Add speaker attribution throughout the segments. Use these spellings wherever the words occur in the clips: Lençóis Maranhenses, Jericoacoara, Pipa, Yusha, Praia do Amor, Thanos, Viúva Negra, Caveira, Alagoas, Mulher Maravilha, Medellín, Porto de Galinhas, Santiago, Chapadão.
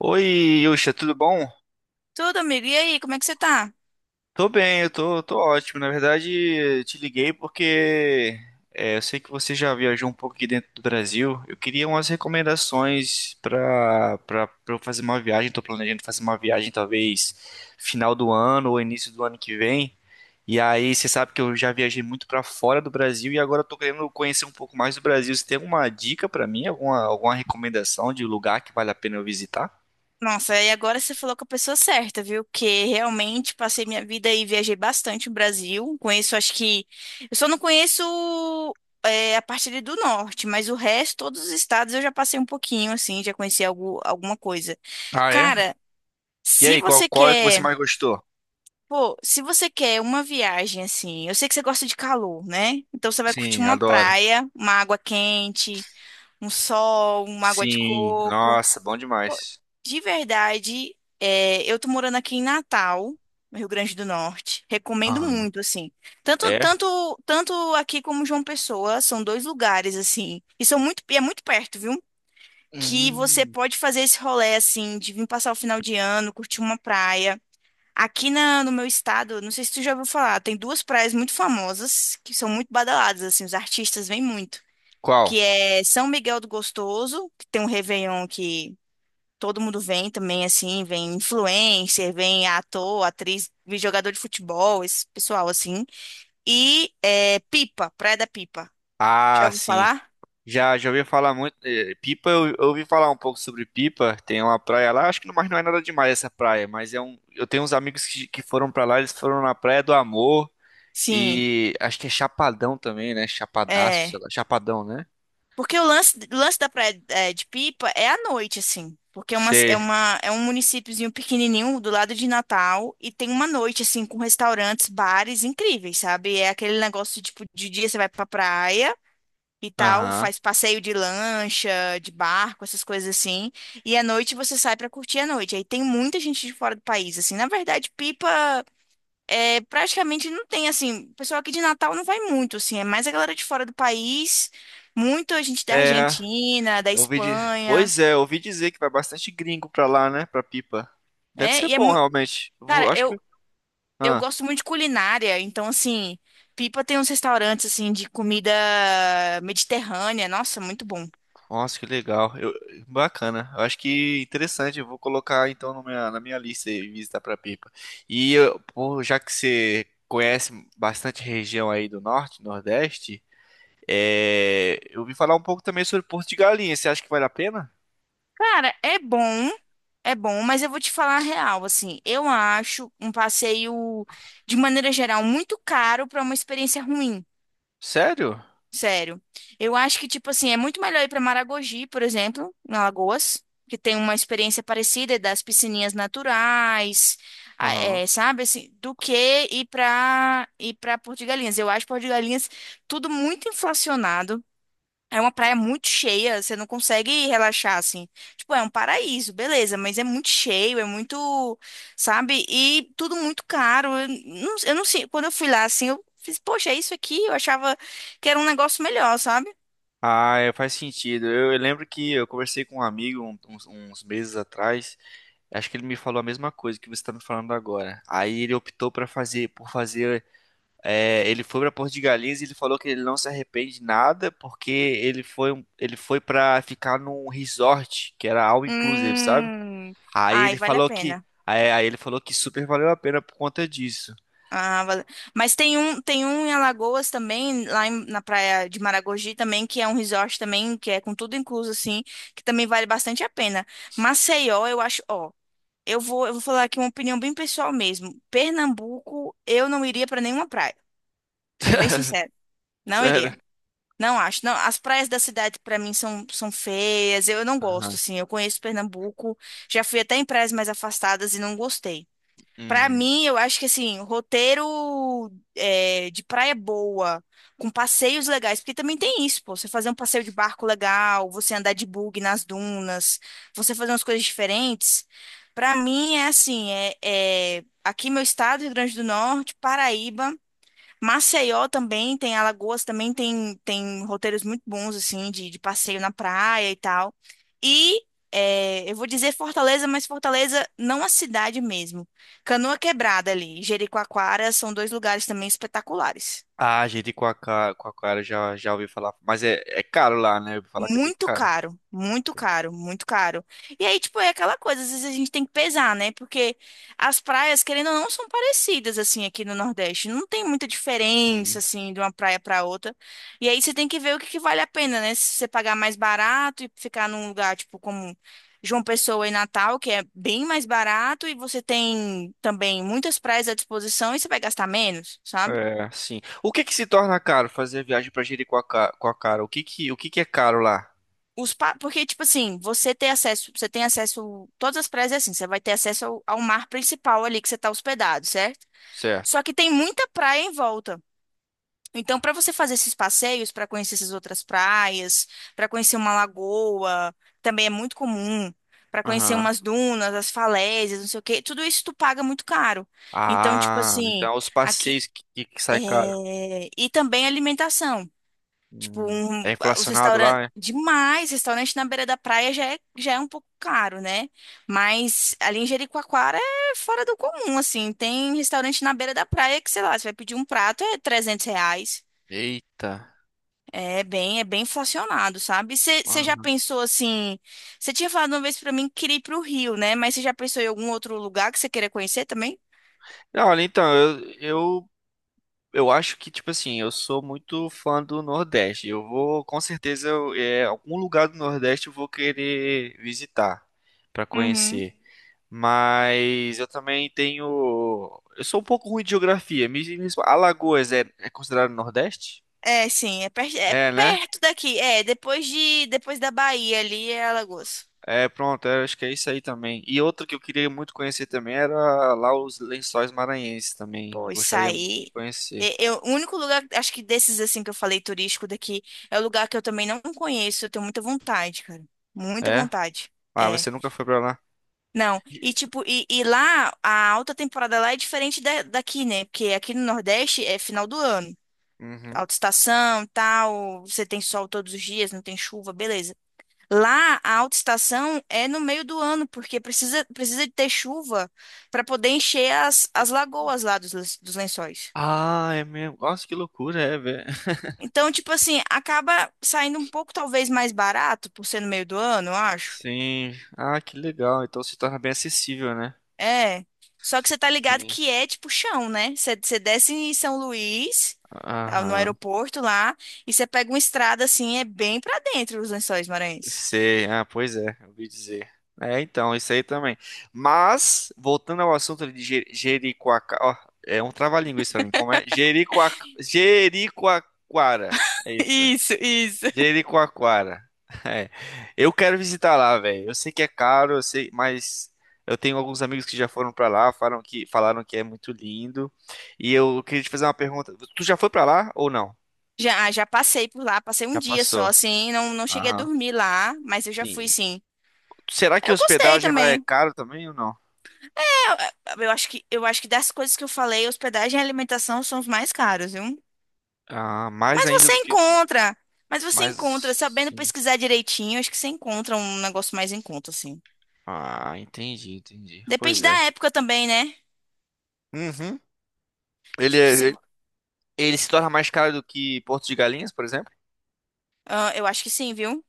Speaker 1: Oi, Yusha, tudo bom?
Speaker 2: Tudo, amigo. E aí, como é que você tá?
Speaker 1: Tô bem, tô ótimo. Na verdade, te liguei porque eu sei que você já viajou um pouco aqui dentro do Brasil. Eu queria umas recomendações pra eu fazer uma viagem. Tô planejando fazer uma viagem talvez final do ano ou início do ano que vem. E aí, você sabe que eu já viajei muito pra fora do Brasil e agora eu tô querendo conhecer um pouco mais do Brasil. Você tem alguma dica pra mim? Alguma recomendação de lugar que vale a pena eu visitar?
Speaker 2: Nossa, e agora você falou com a pessoa certa, viu? Que realmente passei minha vida e viajei bastante no Brasil. Conheço, acho que. Eu só não conheço a parte ali do norte, mas o resto, todos os estados eu já passei um pouquinho, assim, já conheci algo, alguma coisa.
Speaker 1: Ah, é?
Speaker 2: Cara,
Speaker 1: E
Speaker 2: se
Speaker 1: aí, qual,
Speaker 2: você
Speaker 1: qual é que você
Speaker 2: quer.
Speaker 1: mais gostou?
Speaker 2: Pô, se você quer uma viagem, assim. Eu sei que você gosta de calor, né? Então você vai curtir
Speaker 1: Sim,
Speaker 2: uma
Speaker 1: adoro.
Speaker 2: praia, uma água quente, um sol, uma água de
Speaker 1: Sim,
Speaker 2: coco.
Speaker 1: nossa, bom
Speaker 2: Pô,
Speaker 1: demais.
Speaker 2: de verdade, eu tô morando aqui em Natal, no Rio Grande do Norte. Recomendo
Speaker 1: Ah,
Speaker 2: muito, assim. Tanto,
Speaker 1: é?
Speaker 2: tanto, tanto aqui como João Pessoa, são dois lugares, assim. E são muito, e é muito perto, viu? Que você
Speaker 1: Hum,
Speaker 2: pode fazer esse rolê, assim, de vir passar o final de ano, curtir uma praia. No meu estado, não sei se tu já ouviu falar, tem duas praias muito famosas, que são muito badaladas, assim, os artistas vêm muito.
Speaker 1: qual?
Speaker 2: Que é São Miguel do Gostoso, que tem um Réveillon que todo mundo vem também, assim, vem influencer, vem ator, atriz, vem jogador de futebol, esse pessoal, assim. E é, Pipa, Praia da Pipa. Já
Speaker 1: Ah,
Speaker 2: ouviu
Speaker 1: sim.
Speaker 2: falar?
Speaker 1: Já, já ouvi falar muito. Pipa, eu ouvi falar um pouco sobre Pipa. Tem uma praia lá, acho que não, mas não é nada demais essa praia. Mas é um, eu tenho uns amigos que foram pra lá, eles foram na Praia do Amor.
Speaker 2: Sim,
Speaker 1: E acho que é Chapadão também, né? Chapadaço, sei
Speaker 2: é.
Speaker 1: lá. Chapadão, né?
Speaker 2: Porque o lance da Praia é, de Pipa é à noite, assim. Porque é uma, é
Speaker 1: Sei.
Speaker 2: uma, é um municípiozinho pequenininho do lado de Natal e tem uma noite, assim, com restaurantes, bares incríveis, sabe? É aquele negócio, tipo, de dia você vai pra praia, e tal,
Speaker 1: Aham.
Speaker 2: faz passeio de lancha, de barco, essas coisas assim. E à noite você sai pra curtir a noite. Aí tem muita gente de fora do país, assim. Na verdade, Pipa é praticamente não tem assim, o pessoal aqui de Natal não vai muito, assim, é mais a galera de fora do país, muita gente da
Speaker 1: É,
Speaker 2: Argentina, da
Speaker 1: Eu ouvi di-
Speaker 2: Espanha.
Speaker 1: Pois é, eu ouvi dizer que vai bastante gringo pra lá, né? Pra Pipa. Deve
Speaker 2: É,
Speaker 1: ser
Speaker 2: e é
Speaker 1: bom,
Speaker 2: muito,
Speaker 1: realmente. Vou...
Speaker 2: cara,
Speaker 1: Acho
Speaker 2: eu
Speaker 1: que.
Speaker 2: eu
Speaker 1: Ah,
Speaker 2: gosto muito de culinária, então assim, Pipa tem uns restaurantes assim de comida mediterrânea, nossa, muito bom.
Speaker 1: nossa, que legal. Bacana. Eu acho que interessante. Eu vou colocar então na minha lista aí, visitar pra Pipa. Pô, já que você conhece bastante região aí do norte, nordeste, eu ouvi falar um pouco também sobre Porto de Galinhas. Você acha que vale a pena?
Speaker 2: Cara, é bom, mas eu vou te falar a real, assim, eu acho um passeio, de maneira geral, muito caro pra uma experiência ruim,
Speaker 1: Sério?
Speaker 2: sério. Eu acho que, tipo assim, é muito melhor ir pra Maragogi, por exemplo, em Alagoas, que tem uma experiência parecida é das piscininhas naturais,
Speaker 1: Aham.
Speaker 2: sabe, assim, do que ir pra Porto de Galinhas. Eu acho Porto de Galinhas tudo muito inflacionado. É uma praia muito cheia, você não consegue relaxar assim. Tipo, é um paraíso, beleza, mas é muito cheio, é muito, sabe? E tudo muito caro. Eu não sei, quando eu fui lá assim, eu fiz, poxa, é isso aqui? Eu achava que era um negócio melhor, sabe?
Speaker 1: Ah, é, faz sentido. Eu lembro que eu conversei com um amigo uns meses atrás. Acho que ele me falou a mesma coisa que você está me falando agora. Aí ele optou para fazer, por fazer. É, ele foi para Porto de Galinhas e ele falou que ele não se arrepende de nada porque ele foi, ele foi para ficar num resort que era all inclusive, sabe?
Speaker 2: Hum.
Speaker 1: Aí
Speaker 2: Ai,
Speaker 1: ele
Speaker 2: vale a
Speaker 1: falou que,
Speaker 2: pena.
Speaker 1: aí ele falou que super valeu a pena por conta disso.
Speaker 2: Ah, vale. Mas tem um em Alagoas também, na praia de Maragogi também, que é um resort também, que é com tudo incluso assim, que também vale bastante a pena. Maceió, eu acho, ó. Eu vou falar aqui uma opinião bem pessoal mesmo. Pernambuco, eu não iria para nenhuma praia, sendo bem sincero. Não
Speaker 1: Sério?
Speaker 2: iria. Não acho. Não, as praias da cidade para mim são, são feias. Eu não gosto,
Speaker 1: Aham.
Speaker 2: assim. Eu conheço Pernambuco, já fui até em praias mais afastadas e não gostei. Pra
Speaker 1: Uhum.
Speaker 2: mim, eu acho que assim, roteiro é, de praia boa, com passeios legais, porque também tem isso, pô, você fazer um passeio de barco legal, você andar de bug nas dunas, você fazer umas coisas diferentes. Pra mim é assim, é, é aqui meu estado, Rio Grande do Norte, Paraíba. Maceió também tem, Alagoas também tem, tem roteiros muito bons, assim, de passeio na praia e tal. E é, eu vou dizer Fortaleza, mas Fortaleza não a cidade mesmo. Canoa Quebrada ali, Jericoacoara são dois lugares também espetaculares.
Speaker 1: Ah, gente, com a cara já ouvi falar, mas é, é caro lá, né? Eu ouvi falar que é bem
Speaker 2: Muito
Speaker 1: caro.
Speaker 2: caro, muito caro, muito caro. E aí, tipo, é aquela coisa, às vezes a gente tem que pesar, né? Porque as praias, querendo ou não, são parecidas, assim, aqui no Nordeste. Não tem muita
Speaker 1: Sim.
Speaker 2: diferença, assim, de uma praia para outra. E aí você tem que ver o que que vale a pena, né? Se você pagar mais barato e ficar num lugar, tipo, como João Pessoa e Natal, que é bem mais barato, e você tem também muitas praias à disposição e você vai gastar menos, sabe?
Speaker 1: É, sim. O que que se torna caro fazer viagem pra Jericoacoara? O que que é caro lá?
Speaker 2: Porque, tipo assim, você tem acesso, todas as praias é assim, você vai ter acesso ao mar principal ali que você está hospedado, certo?
Speaker 1: Certo.
Speaker 2: Só que tem muita praia em volta. Então, para você fazer esses passeios, para conhecer essas outras praias, para conhecer uma lagoa, também é muito comum, para conhecer
Speaker 1: Aham.
Speaker 2: umas dunas, as falésias, não sei o quê, tudo isso tu paga muito caro. Então, tipo
Speaker 1: Ah,
Speaker 2: assim,
Speaker 1: então é os
Speaker 2: aqui.
Speaker 1: passeios que
Speaker 2: É,
Speaker 1: sai caro.
Speaker 2: e também alimentação.
Speaker 1: É
Speaker 2: Os
Speaker 1: inflacionado
Speaker 2: restaurantes.
Speaker 1: lá, é?
Speaker 2: Demais, restaurante na beira da praia já é um pouco caro, né? Mas ali em Jericoacoara é fora do comum, assim. Tem restaurante na beira da praia que, sei lá, você vai pedir um prato, é R$ 300.
Speaker 1: Eita.
Speaker 2: É bem inflacionado, sabe? Você já
Speaker 1: Aham.
Speaker 2: pensou assim? Você tinha falado uma vez pra mim que queria ir pro Rio, né? Mas você já pensou em algum outro lugar que você queira conhecer também?
Speaker 1: Não, olha, então, eu acho que, tipo assim, eu sou muito fã do Nordeste. Eu vou, com certeza, algum lugar do Nordeste eu vou querer visitar pra
Speaker 2: Uhum.
Speaker 1: conhecer. Mas eu também tenho. Eu sou um pouco ruim de geografia. Alagoas é, é considerado Nordeste?
Speaker 2: É, sim, é, per é
Speaker 1: É, né?
Speaker 2: perto daqui. É, depois da Bahia ali é Alagoas.
Speaker 1: É, pronto, eu acho que é isso aí também. E outra que eu queria muito conhecer também era lá os Lençóis Maranhenses também.
Speaker 2: Pô, isso
Speaker 1: Gostaria muito de
Speaker 2: aí.
Speaker 1: conhecer.
Speaker 2: Eu, o único lugar, acho que desses assim que eu falei turístico daqui, é o lugar que eu também não conheço. Eu tenho muita vontade, cara. Muita
Speaker 1: É?
Speaker 2: vontade.
Speaker 1: Ah,
Speaker 2: É.
Speaker 1: você nunca foi pra lá?
Speaker 2: Não. E tipo, e lá, a alta temporada lá é diferente daqui, né? Porque aqui no Nordeste é final do ano.
Speaker 1: Uhum.
Speaker 2: Alta estação, tal, você tem sol todos os dias, não tem chuva, beleza. Lá, a alta estação é no meio do ano, porque precisa de ter chuva para poder encher as lagoas lá dos, dos lençóis.
Speaker 1: Ah, é mesmo. Nossa, que loucura, é, velho.
Speaker 2: Então, tipo assim, acaba saindo um pouco talvez mais barato, por ser no meio do ano, eu acho.
Speaker 1: Sim. Ah, que legal. Então se torna bem acessível, né?
Speaker 2: É. Só que você tá ligado
Speaker 1: Sim.
Speaker 2: que é tipo chão, né? Você desce em São Luís, tá, no
Speaker 1: Aham.
Speaker 2: aeroporto lá, e você pega uma estrada assim, é bem pra dentro os Lençóis Maranhenses.
Speaker 1: Sei. Ah, pois é, eu ouvi dizer. É, então, isso aí também. Mas, voltando ao assunto de Jericoacoara. Ó, é um trava-língua isso pra mim. Como é? Jericoa... Jericoacoara. É isso.
Speaker 2: Isso, isso.
Speaker 1: Jericoacoara. É. Eu quero visitar lá, velho. Eu sei que é caro, eu sei, mas eu tenho alguns amigos que já foram pra lá, falaram que é muito lindo. E eu queria te fazer uma pergunta. Tu já foi pra lá ou não?
Speaker 2: Já, ah, já passei por lá, passei um
Speaker 1: Já
Speaker 2: dia só,
Speaker 1: passou.
Speaker 2: assim, não, não cheguei a
Speaker 1: Aham.
Speaker 2: dormir lá, mas eu já fui
Speaker 1: Sim.
Speaker 2: sim.
Speaker 1: Será que
Speaker 2: Eu gostei
Speaker 1: hospedagem lá é
Speaker 2: também.
Speaker 1: caro também ou não?
Speaker 2: É, eu, eu acho que das coisas que eu falei, hospedagem e alimentação são os mais caros, viu?
Speaker 1: Ah, mais
Speaker 2: Mas
Speaker 1: ainda
Speaker 2: você
Speaker 1: do que isso.
Speaker 2: encontra. Mas você
Speaker 1: Mais
Speaker 2: encontra, sabendo
Speaker 1: sim.
Speaker 2: pesquisar direitinho, acho que você encontra um negócio mais em conta, assim.
Speaker 1: Ah, entendi, entendi. Pois
Speaker 2: Depende da
Speaker 1: é.
Speaker 2: época também, né?
Speaker 1: Uhum. Ele,
Speaker 2: Tipo, se...
Speaker 1: ele, ele se torna mais caro do que Porto de Galinhas, por exemplo?
Speaker 2: Ah, eu acho que sim, viu?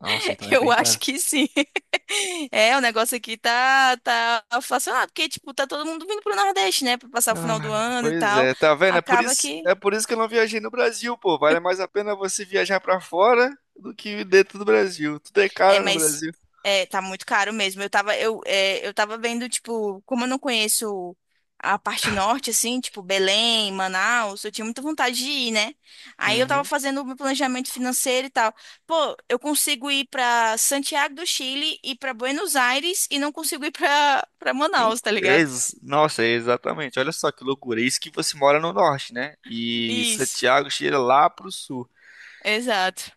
Speaker 1: Nossa, então é
Speaker 2: Eu
Speaker 1: bem
Speaker 2: acho
Speaker 1: caro.
Speaker 2: que sim. É, o negócio aqui tá, tá inflacionado, porque, tipo, tá todo mundo vindo pro Nordeste, né? Pra passar o final
Speaker 1: Ah,
Speaker 2: do ano e
Speaker 1: pois
Speaker 2: tal.
Speaker 1: é, tá vendo? É por
Speaker 2: Acaba
Speaker 1: isso,
Speaker 2: que.
Speaker 1: é por isso que eu não viajei no Brasil, pô. Vale mais a pena você viajar pra fora do que dentro do Brasil. Tudo é
Speaker 2: É,
Speaker 1: caro no
Speaker 2: mas
Speaker 1: Brasil.
Speaker 2: é, tá muito caro mesmo. Eu tava vendo, tipo, como eu não conheço a parte norte, assim, tipo, Belém, Manaus, eu tinha muita vontade de ir, né? Aí eu tava
Speaker 1: Uhum.
Speaker 2: fazendo o meu planejamento financeiro e tal. Pô, eu consigo ir pra Santiago do Chile e pra Buenos Aires e não consigo ir pra
Speaker 1: Em-
Speaker 2: Manaus, tá ligado?
Speaker 1: Nossa, exatamente. Olha só que loucura. Isso que você mora no norte, né? E
Speaker 2: Isso,
Speaker 1: Santiago cheira lá pro sul.
Speaker 2: exato.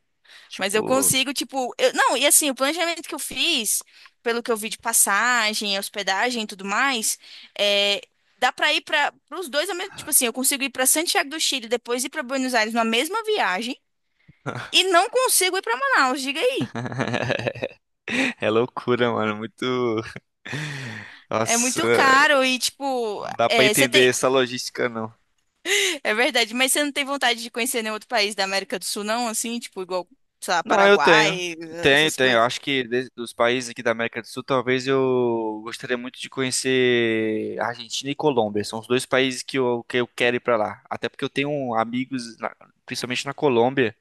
Speaker 2: Mas eu
Speaker 1: Tipo,
Speaker 2: consigo, tipo, não, e assim, o planejamento que eu fiz, pelo que eu vi de passagem, hospedagem e tudo mais, é, dá pra ir para os dois ao mesmo, tipo assim, eu consigo ir pra Santiago do Chile, depois ir pra Buenos Aires na mesma viagem e não consigo ir pra Manaus, diga aí.
Speaker 1: é loucura, mano. Muito.
Speaker 2: É
Speaker 1: Nossa,
Speaker 2: muito caro e tipo,
Speaker 1: não dá pra
Speaker 2: é, você
Speaker 1: entender
Speaker 2: tem,
Speaker 1: essa logística, não.
Speaker 2: é verdade, mas você não tem vontade de conhecer nenhum outro país da América do Sul não, assim, tipo igual, sei lá,
Speaker 1: Não, eu tenho.
Speaker 2: Paraguai,
Speaker 1: Tenho,
Speaker 2: essas
Speaker 1: tenho. Eu
Speaker 2: coisas.
Speaker 1: acho que dos países aqui da América do Sul, talvez eu gostaria muito de conhecer Argentina e Colômbia. São os dois países que eu quero ir pra lá. Até porque eu tenho amigos, principalmente na Colômbia,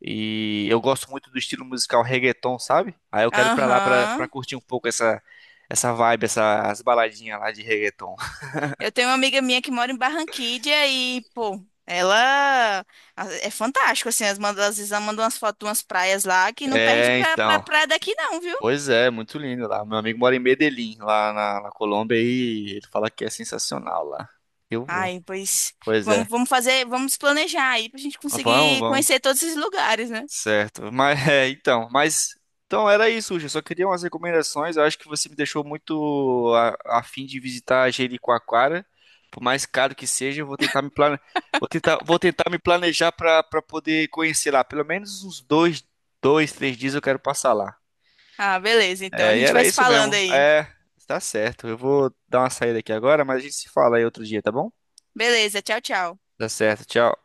Speaker 1: e eu gosto muito do estilo musical reggaeton, sabe? Aí eu quero ir pra lá pra
Speaker 2: Aham.
Speaker 1: curtir um pouco essa vibe, essas baladinhas lá de reggaeton.
Speaker 2: Eu tenho uma amiga minha que mora em Barranquilla e, pô, ela é fantástico, assim, as manda, às vezes ela manda umas fotos de umas praias lá que não perde
Speaker 1: É,
Speaker 2: pra
Speaker 1: então.
Speaker 2: praia daqui não, viu?
Speaker 1: Pois é, muito lindo lá. Meu amigo mora em Medellín, lá na Colômbia, e ele fala que é sensacional lá. Eu vou.
Speaker 2: Ai, pois
Speaker 1: Pois é.
Speaker 2: vamos fazer, vamos planejar aí pra gente
Speaker 1: Vamos,
Speaker 2: conseguir
Speaker 1: vamos.
Speaker 2: conhecer todos esses lugares, né?
Speaker 1: Certo. Então era isso, Uja. Só queria umas recomendações. Eu acho que você me deixou muito a fim de visitar Jericoacoara. Por mais caro que seja, eu vou tentar me plane... vou tentar me planejar para para poder conhecer lá. Pelo menos dois, três dias eu quero passar lá.
Speaker 2: Ah, beleza, então a
Speaker 1: É, e
Speaker 2: gente
Speaker 1: era
Speaker 2: vai se
Speaker 1: isso
Speaker 2: falando
Speaker 1: mesmo.
Speaker 2: aí.
Speaker 1: É, tá certo. Eu vou dar uma saída aqui agora, mas a gente se fala aí outro dia, tá bom?
Speaker 2: Beleza, tchau, tchau.
Speaker 1: Tá certo. Tchau.